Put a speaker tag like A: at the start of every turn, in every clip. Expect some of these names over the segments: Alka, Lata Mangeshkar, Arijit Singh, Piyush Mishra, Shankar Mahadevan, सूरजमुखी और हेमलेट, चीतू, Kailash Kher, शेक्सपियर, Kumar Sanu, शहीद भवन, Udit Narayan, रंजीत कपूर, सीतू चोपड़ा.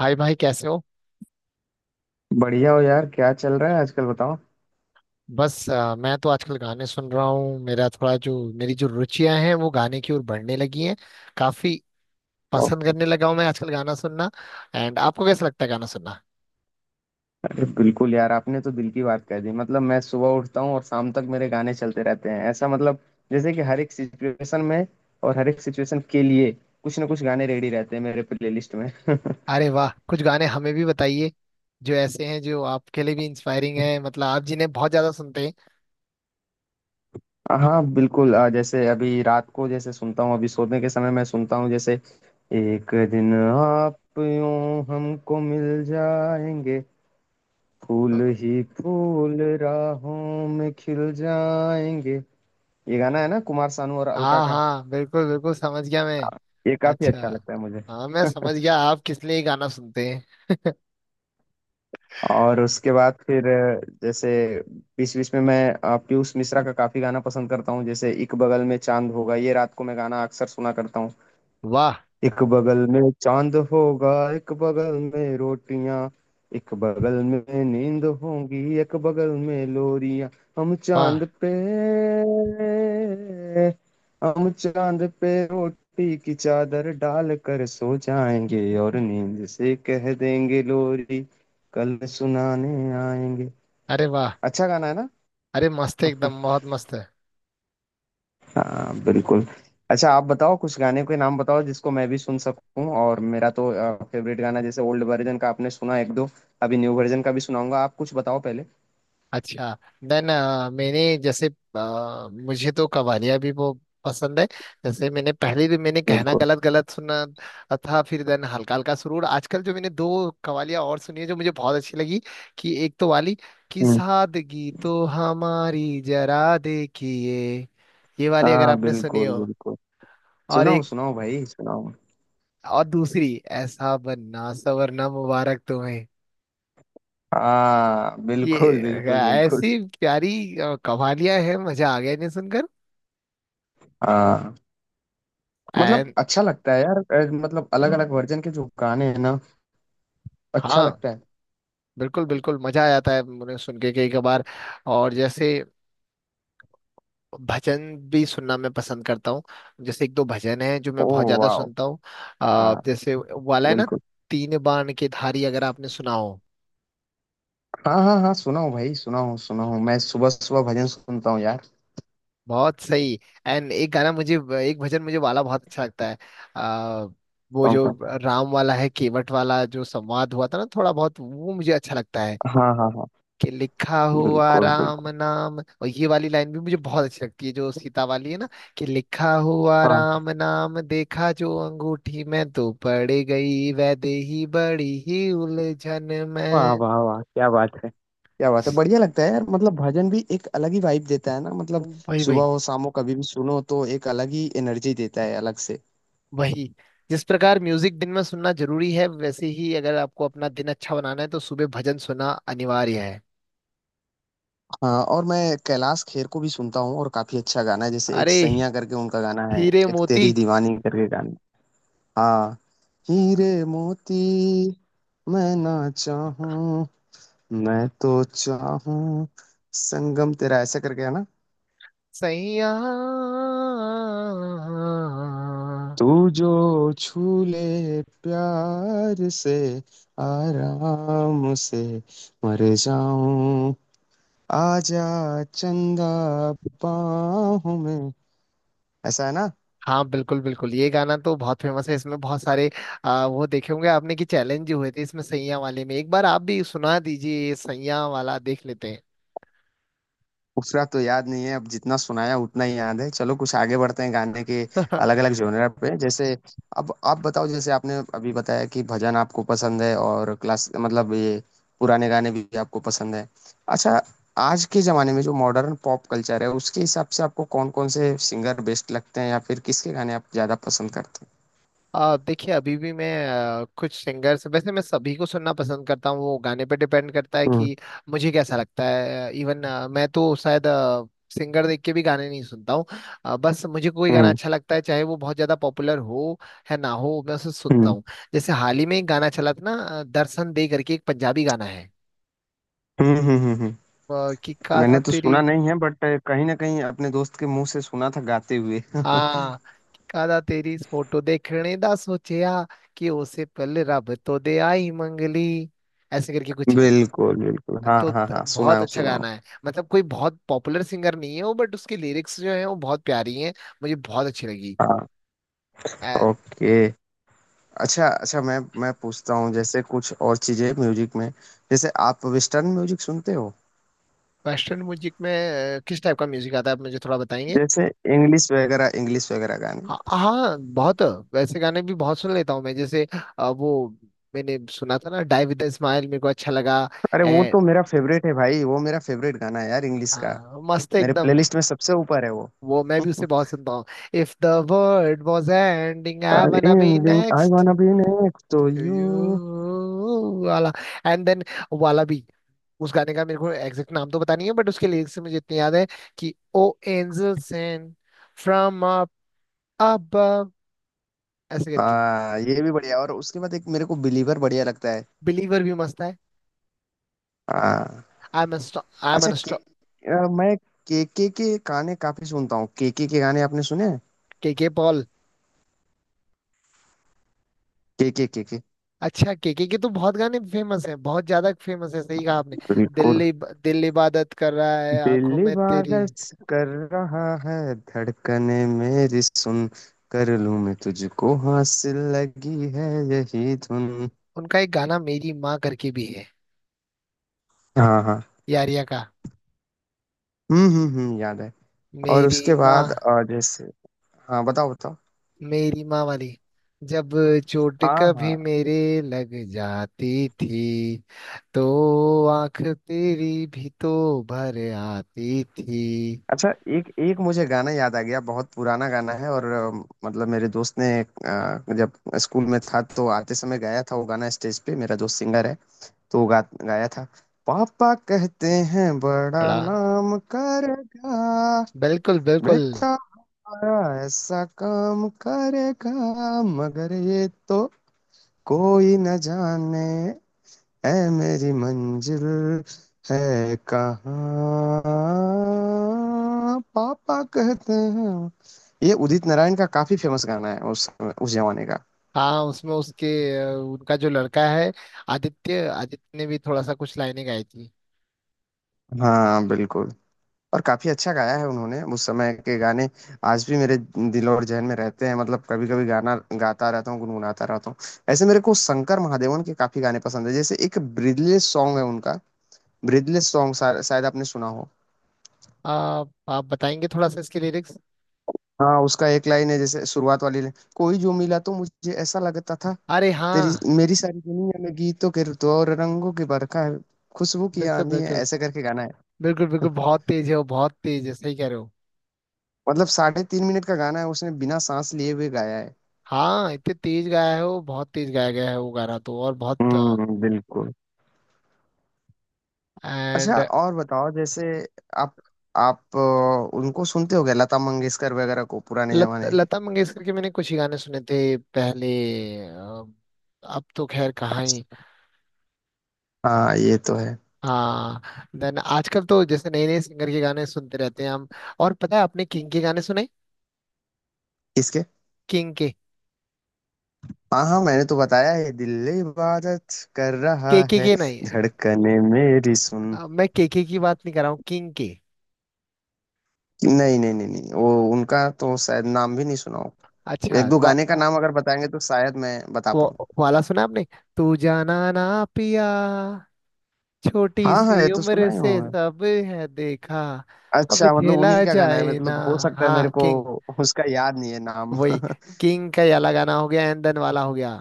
A: हाय भाई कैसे हो।
B: बढ़िया हो यार, क्या चल रहा है आजकल बताओ।
A: बस मैं तो आजकल गाने सुन रहा हूँ। मेरा थोड़ा जो मेरी जो रुचियां हैं वो गाने की ओर बढ़ने लगी हैं। काफी पसंद करने लगा हूँ मैं आजकल गाना सुनना। एंड आपको कैसा लगता है गाना सुनना?
B: अरे बिल्कुल यार, आपने तो दिल की बात कह दी। मतलब मैं सुबह उठता हूँ और शाम तक मेरे गाने चलते रहते हैं, ऐसा मतलब जैसे कि हर एक सिचुएशन में और हर एक सिचुएशन के लिए कुछ ना कुछ गाने रेडी रहते हैं मेरे प्लेलिस्ट में।
A: अरे वाह, कुछ गाने हमें भी बताइए जो ऐसे हैं जो आपके लिए भी इंस्पायरिंग है, मतलब आप जिन्हें बहुत ज्यादा सुनते हैं।
B: हाँ बिल्कुल। जैसे अभी रात को, जैसे सुनता हूँ अभी सोने के समय मैं सुनता हूँ, जैसे एक दिन आप यूं हमको मिल जाएंगे,
A: अ,
B: फूल ही फूल राहों में खिल जाएंगे। ये गाना है ना, कुमार सानू और अलका
A: हाँ
B: का।
A: हाँ, बिल्कुल बिल्कुल, समझ गया मैं।
B: ये काफी
A: अच्छा।
B: अच्छा लगता है मुझे।
A: हाँ, मैं समझ गया आप किस लिए गाना सुनते हैं।
B: और उसके बाद फिर जैसे बीच बीच में मैं पीयूष मिश्रा का काफी गाना पसंद करता हूँ। जैसे एक बगल में चांद होगा, ये रात को मैं गाना अक्सर सुना करता हूँ।
A: वाह।
B: एक बगल में चांद होगा, एक बगल में रोटियां, एक बगल में नींद होगी, एक बगल में लोरियां। हम
A: वाह।
B: चांद पे, हम चांद पे रोटी की चादर डाल कर सो जाएंगे, और नींद से कह देंगे लोरी कल सुनाने आएंगे।
A: अरे वाह।
B: अच्छा गाना है ना।
A: अरे मस्त है एकदम, बहुत मस्त है।
B: हाँ बिल्कुल। अच्छा आप बताओ, कुछ गाने के नाम बताओ जिसको मैं भी सुन सकूं। और मेरा तो फेवरेट गाना, जैसे ओल्ड वर्जन का आपने सुना एक दो। अभी न्यू वर्जन का भी सुनाऊंगा, आप कुछ बताओ पहले।
A: अच्छा। देन मैंने जैसे मुझे तो कवालियाँ भी वो पसंद है। जैसे मैंने पहले भी, मैंने कहना
B: बिल्कुल।
A: गलत गलत सुना था, फिर देन हल्का हल्का सुरूर। आजकल जो मैंने दो कवालियाँ और सुनी है जो मुझे बहुत अच्छी लगी, कि एक तो वाली कि
B: हम्म,
A: सादगी तो हमारी जरा देखिए, ये वाली अगर
B: हाँ
A: आपने सुनी
B: बिल्कुल
A: हो,
B: बिल्कुल।
A: और
B: सुनाओ
A: एक
B: सुनाओ भाई, सुनाओ।
A: और दूसरी ऐसा बनना सवरना मुबारक तुम्हें।
B: हाँ
A: ये
B: बिल्कुल बिल्कुल बिल्कुल।
A: ऐसी प्यारी कवालियाँ हैं, मजा आ गया इन्हें सुनकर।
B: हाँ, मतलब
A: एंड।
B: अच्छा लगता है यार। मतलब अलग अलग वर्जन के जो गाने हैं ना, अच्छा
A: हाँ
B: लगता है।
A: बिल्कुल बिल्कुल, मजा आ जाता है उन्हें सुन के कई कबार। और जैसे भजन भी सुनना मैं पसंद करता हूँ। जैसे एक दो भजन है जो मैं
B: ओ,
A: बहुत ज्यादा
B: वाओ।
A: सुनता हूँ।
B: हाँ
A: जैसे वो वाला है ना,
B: बिल्कुल।
A: तीन बाण की धारी, अगर आपने सुना हो।
B: हाँ हाँ हाँ, सुनाओ भाई सुनाओ सुनाओ। मैं सुबह सुबह भजन सुनता हूँ यार।
A: बहुत सही। एंड एक भजन मुझे वाला बहुत अच्छा लगता है। आ, वो जो राम वाला है, केवट वाला जो संवाद हुआ था ना थोड़ा बहुत, वो मुझे अच्छा लगता है,
B: हाँ हाँ हाँ।
A: कि लिखा हुआ
B: बिल्कुल
A: राम
B: बिल्कुल।
A: नाम। और ये वाली लाइन भी मुझे बहुत अच्छी लगती है जो सीता वाली है ना, कि लिखा हुआ
B: हाँ।
A: राम नाम देखा जो अंगूठी में तो पड़ गई वैदेही बड़ी ही उलझन
B: वाह
A: में।
B: वाह वाह, क्या बात है, क्या बात है। बढ़िया लगता है यार, मतलब भजन भी एक अलग ही वाइब देता है ना, मतलब
A: वही
B: सुबह
A: वही
B: हो शाम हो कभी भी सुनो तो एक अलग ही एनर्जी देता है अलग से।
A: वही। जिस प्रकार म्यूजिक दिन में सुनना जरूरी है, वैसे ही अगर आपको अपना दिन अच्छा बनाना है तो सुबह भजन सुनना अनिवार्य है।
B: हाँ, और मैं कैलाश खेर को भी सुनता हूँ, और काफी अच्छा गाना है, जैसे एक
A: अरे।
B: सैयां करके उनका गाना है,
A: हीरे
B: एक
A: मोती।
B: तेरी दीवानी करके गाना। हाँ, हीरे मोती। मैं ना चाहूं, मैं तो चाहूं, संगम तेरा, ऐसा करके है ना।
A: सैया।
B: तू जो छू ले प्यार से, आराम से मर जाऊं, आजा चंदा बाहों में, ऐसा है ना।
A: हाँ बिल्कुल बिल्कुल, ये गाना तो बहुत फेमस है, इसमें बहुत सारे वो देखे होंगे आपने कि चैलेंज हुए थे इसमें, सैया वाले में। एक बार आप भी सुना दीजिए ये सैया वाला, देख लेते
B: उतना तो याद नहीं है अब, जितना सुनाया उतना ही याद है। चलो कुछ आगे बढ़ते हैं गाने के अलग
A: हैं।
B: अलग जोनर पे। जैसे अब आप बताओ, जैसे आपने अभी बताया कि भजन आपको पसंद है, और क्लास मतलब ये पुराने गाने भी आपको पसंद है। अच्छा, आज के जमाने में जो मॉडर्न पॉप कल्चर है, उसके हिसाब से आपको कौन कौन से सिंगर बेस्ट लगते हैं, या फिर किसके गाने आप ज्यादा पसंद करते हैं।
A: देखिए, अभी भी मैं कुछ सिंगर्स, वैसे मैं सभी को सुनना पसंद करता हूँ, वो गाने पे डिपेंड करता है
B: हम्म
A: कि मुझे कैसा लगता है। इवन मैं तो शायद सिंगर देख के भी गाने नहीं सुनता हूँ। बस मुझे कोई गाना
B: हम्म
A: अच्छा लगता है, चाहे वो बहुत ज्यादा पॉपुलर हो है ना हो, मैं उसे सुनता
B: हम्म,
A: हूँ। जैसे हाल ही में एक गाना चला था ना, दर्शन दे करके एक पंजाबी गाना है।
B: हम्म हम्म हम्म, हम्म।
A: ਵਾਹ ਕੀ ਕਾਦਾ
B: मैंने तो
A: ਤੇਰੀ।
B: सुना नहीं है, बट कहीं ना कहीं अपने दोस्त के मुंह से सुना था गाते हुए।
A: ਹਾਂ ਕੀ ਕਾਦਾ ਤੇਰੀ ਇਸ ਫੋਟੋ ਦੇਖਣੇ ਦਾ ਸੋਚਿਆ, ਕਿ ਉਸੇ ਪਹਿਲੇ ਰੱਬ ਤੋਂ ਦਿਆਈ ਮੰਗ ਲਈ। ऐसे करके कुछ है।
B: बिल्कुल बिल्कुल। हाँ
A: तो
B: हाँ हाँ,
A: बहुत
B: सुनाओ
A: अच्छा
B: सुनाओ।
A: गाना है। मतलब कोई बहुत पॉपुलर सिंगर नहीं है वो, बट उसकी लिरिक्स जो है वो बहुत प्यारी हैं, मुझे बहुत अच्छी लगी।
B: हाँ, ओके। अच्छा अच्छा, मैं पूछता हूँ जैसे कुछ और चीजें म्यूजिक में। जैसे आप वेस्टर्न म्यूजिक सुनते हो।
A: वेस्टर्न म्यूजिक में किस टाइप का म्यूजिक आता है? आप मुझे थोड़ा बताएंगे।
B: जैसे इंग्लिश वगैरह, इंग्लिश वगैरह गाने।
A: हाँ हाँ, बहुत वैसे गाने भी बहुत सुन लेता हूँ मैं। जैसे वो मैंने सुना था ना, डाई विद स्माइल, मेरे को अच्छा लगा।
B: अरे वो तो मेरा फेवरेट है भाई, वो मेरा फेवरेट गाना है यार इंग्लिश का।
A: हाँ मस्त है
B: मेरे
A: एकदम।
B: प्लेलिस्ट में सबसे ऊपर है वो।
A: वो मैं भी उसे बहुत सुनता हूँ। If the world was ending I wanna be
B: I
A: next
B: wanna be next to
A: to
B: you.
A: you वाला। एंड देन वाला भी। उस गाने का मेरे को एग्जैक्ट नाम तो पता नहीं है, बट उसके लिरिक्स से मुझे इतनी याद है कि oh angel sent from up above, ऐसे करके।
B: हाँ, ये भी बढ़िया। और उसके बाद एक मेरे को बिलीवर बढ़िया लगता है।
A: बिलीवर भी मस्त है।
B: हाँ।
A: I am I am.
B: अच्छा, के मैं केके के गाने काफी सुनता हूँ। केके के गाने आपने सुने हैं।
A: के पॉल।
B: केके, के के।
A: अच्छा, केके के तो बहुत गाने फेमस हैं, बहुत ज्यादा फेमस है, सही कहा आपने।
B: बिल्कुल।
A: दिल्ली दिल इबादत कर रहा है आंखों
B: दिल
A: में तेरी।
B: इबादत कर रहा है, धड़कने मेरी सुन, कर लूं मैं तुझको हासिल, लगी है यही धुन।
A: उनका एक गाना मेरी माँ करके भी है,
B: हाँ हाँ।
A: यारिया का।
B: हम्म, याद है। और
A: मेरी
B: उसके बाद
A: माँ।
B: जैसे, हाँ बताओ बताओ।
A: मेरी माँ वाली। जब चोट
B: हाँ
A: कभी
B: हाँ।
A: मेरे लग जाती थी तो आंख तेरी भी तो भर आती थी।
B: अच्छा, एक एक मुझे गाना याद आ गया, बहुत पुराना गाना है। और मतलब मेरे दोस्त ने जब स्कूल में था तो आते समय गाया था वो गाना स्टेज पे। मेरा दोस्त सिंगर है, तो वो गाया था। पापा कहते हैं बड़ा
A: बड़ा।
B: नाम करेगा,
A: बिल्कुल बिल्कुल।
B: बेटा बड़ा ऐसा काम करेगा, मगर ये तो कोई न जाने, ऐ मेरी मंजिल है कहाँ, पापा कहते हैं। ये उदित नारायण का काफी फेमस गाना है उस जमाने का।
A: हाँ, उसमें उसके उनका जो लड़का है आदित्य, आदित्य ने भी थोड़ा सा कुछ लाइनें गाई थी।
B: हाँ बिल्कुल। और काफी अच्छा गाया है उन्होंने। उस समय के गाने आज भी मेरे दिल और जहन में रहते हैं। मतलब कभी कभी गाना गाता रहता हूँ, गुनगुनाता रहता हूँ। ऐसे मेरे को शंकर महादेवन के काफी गाने पसंद है। जैसे एक ब्रीदलेस सॉन्ग है उनका, ब्रीदलेस सॉन्ग, शायद आपने सुना हो।
A: आप बताएंगे थोड़ा सा इसके लिरिक्स?
B: हाँ, उसका एक लाइन है, जैसे शुरुआत वाली लाइन, कोई जो मिला तो मुझे ऐसा लगता था,
A: अरे
B: तेरी
A: हाँ।
B: मेरी सारी दुनिया में गीतों के ऋतु और रंगों की बरखा है, खुशबू की
A: बिल्कुल
B: आंधी है,
A: बिल्कुल
B: ऐसे करके गाना है।
A: बिल्कुल बिल्कुल, बहुत तेज है वो, बहुत तेज है, सही कह रहे हो।
B: मतलब 3.5 मिनट का गाना है, उसने बिना सांस लिए हुए गाया है।
A: हाँ, इतने तेज गाया है वो, बहुत तेज गाया गया है वो गाना तो, और बहुत।
B: बिल्कुल। अच्छा,
A: एंड।
B: और बताओ जैसे, आप आप उनको सुनते हो गए, लता मंगेशकर वगैरह को, पुराने जमाने।
A: लता मंगेशकर के मैंने कुछ ही गाने सुने थे पहले। अ, अब तो खैर कहाँ ही।
B: हाँ ये तो है।
A: हाँ। देन आजकल तो जैसे नए नए सिंगर के गाने सुनते रहते हैं हम। और पता है आपने किंग के गाने सुने?
B: किसके।
A: किंग के।
B: हाँ हाँ, मैंने तो बताया है, दिल इबादत कर रहा है,
A: के नहीं।
B: धड़कने मेरी सुन।
A: मैं के की बात नहीं कर रहा हूँ, किंग के।
B: नहीं नहीं नहीं नहीं, वो, उनका तो शायद नाम भी नहीं सुना हो।
A: अच्छा,
B: एक दो गाने का नाम अगर बताएंगे तो शायद मैं बता
A: वो
B: पाऊँ।
A: वाला सुना आपने, तू जाना ना पिया, छोटी
B: हाँ हाँ ये
A: सी
B: तो सुना
A: उम्र
B: ही
A: से
B: होगा।
A: सब है देखा, अब
B: अच्छा, मतलब उन्हीं
A: झेला
B: का गाना है,
A: जाए ना।
B: मतलब हो सकता है। मेरे
A: हाँ,
B: को
A: किंग।
B: उसका याद नहीं है नाम।
A: वही। किंग का ये अलग गाना हो गया, एंदन वाला हो गया।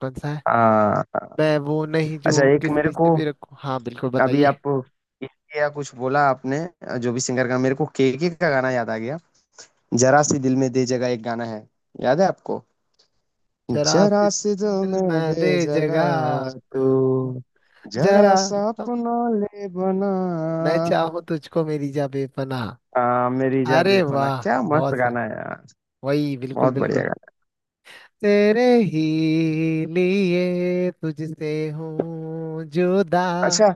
A: कौन सा है?
B: हाँ।
A: मैं वो नहीं
B: अच्छा,
A: जो
B: एक मेरे
A: किसी से
B: को,
A: भी रखूं। हाँ बिल्कुल,
B: अभी
A: बताइए।
B: आप इसके या कुछ बोला आपने, जो भी सिंगर का, मेरे को केके का गाना याद आ गया। जरा सी दिल में दे जगह, एक गाना है, याद है आपको।
A: जरा सी
B: जरा सी दिल
A: दिल
B: में
A: में
B: दे
A: दे जगह
B: जगह तू,
A: तू।
B: जरा
A: जरा।
B: सा अपना ले बना।
A: मैं चाहूँ तुझको मेरी जा बेपनाह।
B: मेरी जा
A: अरे
B: बेपना,
A: वाह।
B: क्या मस्त
A: बहुत सर।
B: गाना है यार।
A: वही बिल्कुल
B: बहुत बढ़िया
A: बिल्कुल।
B: गाना।
A: तेरे ही लिए तुझसे हूँ जुदा।
B: अच्छा,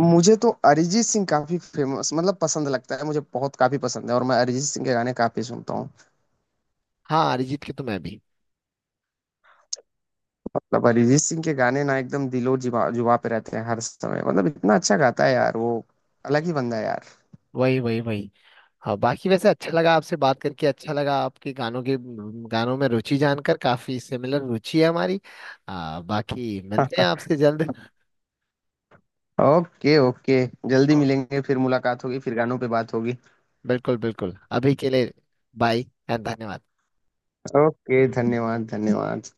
B: मुझे तो अरिजीत सिंह काफी फेमस मतलब पसंद लगता है, मुझे बहुत काफी पसंद है, और मैं अरिजीत सिंह के गाने काफी सुनता हूँ।
A: हाँ, अरिजीत की तो मैं भी।
B: मतलब अरिजीत सिंह के गाने ना एकदम दिलो जुबा जुबा पे रहते हैं हर समय। मतलब इतना अच्छा गाता है यार वो, अलग ही बंदा है यार।
A: वही वही वही। हाँ, बाकी वैसे अच्छा लगा आपसे बात करके, अच्छा लगा आपके गानों के, गानों में रुचि जानकर, काफी सिमिलर रुचि है हमारी। बाकी मिलते हैं आपसे जल्द।
B: Okay okay. जल्दी
A: ओ,
B: मिलेंगे, फिर मुलाकात होगी, फिर गानों पे बात होगी।
A: बिल्कुल बिल्कुल, अभी के लिए बाय एंड धन्यवाद।
B: ओके, धन्यवाद धन्यवाद।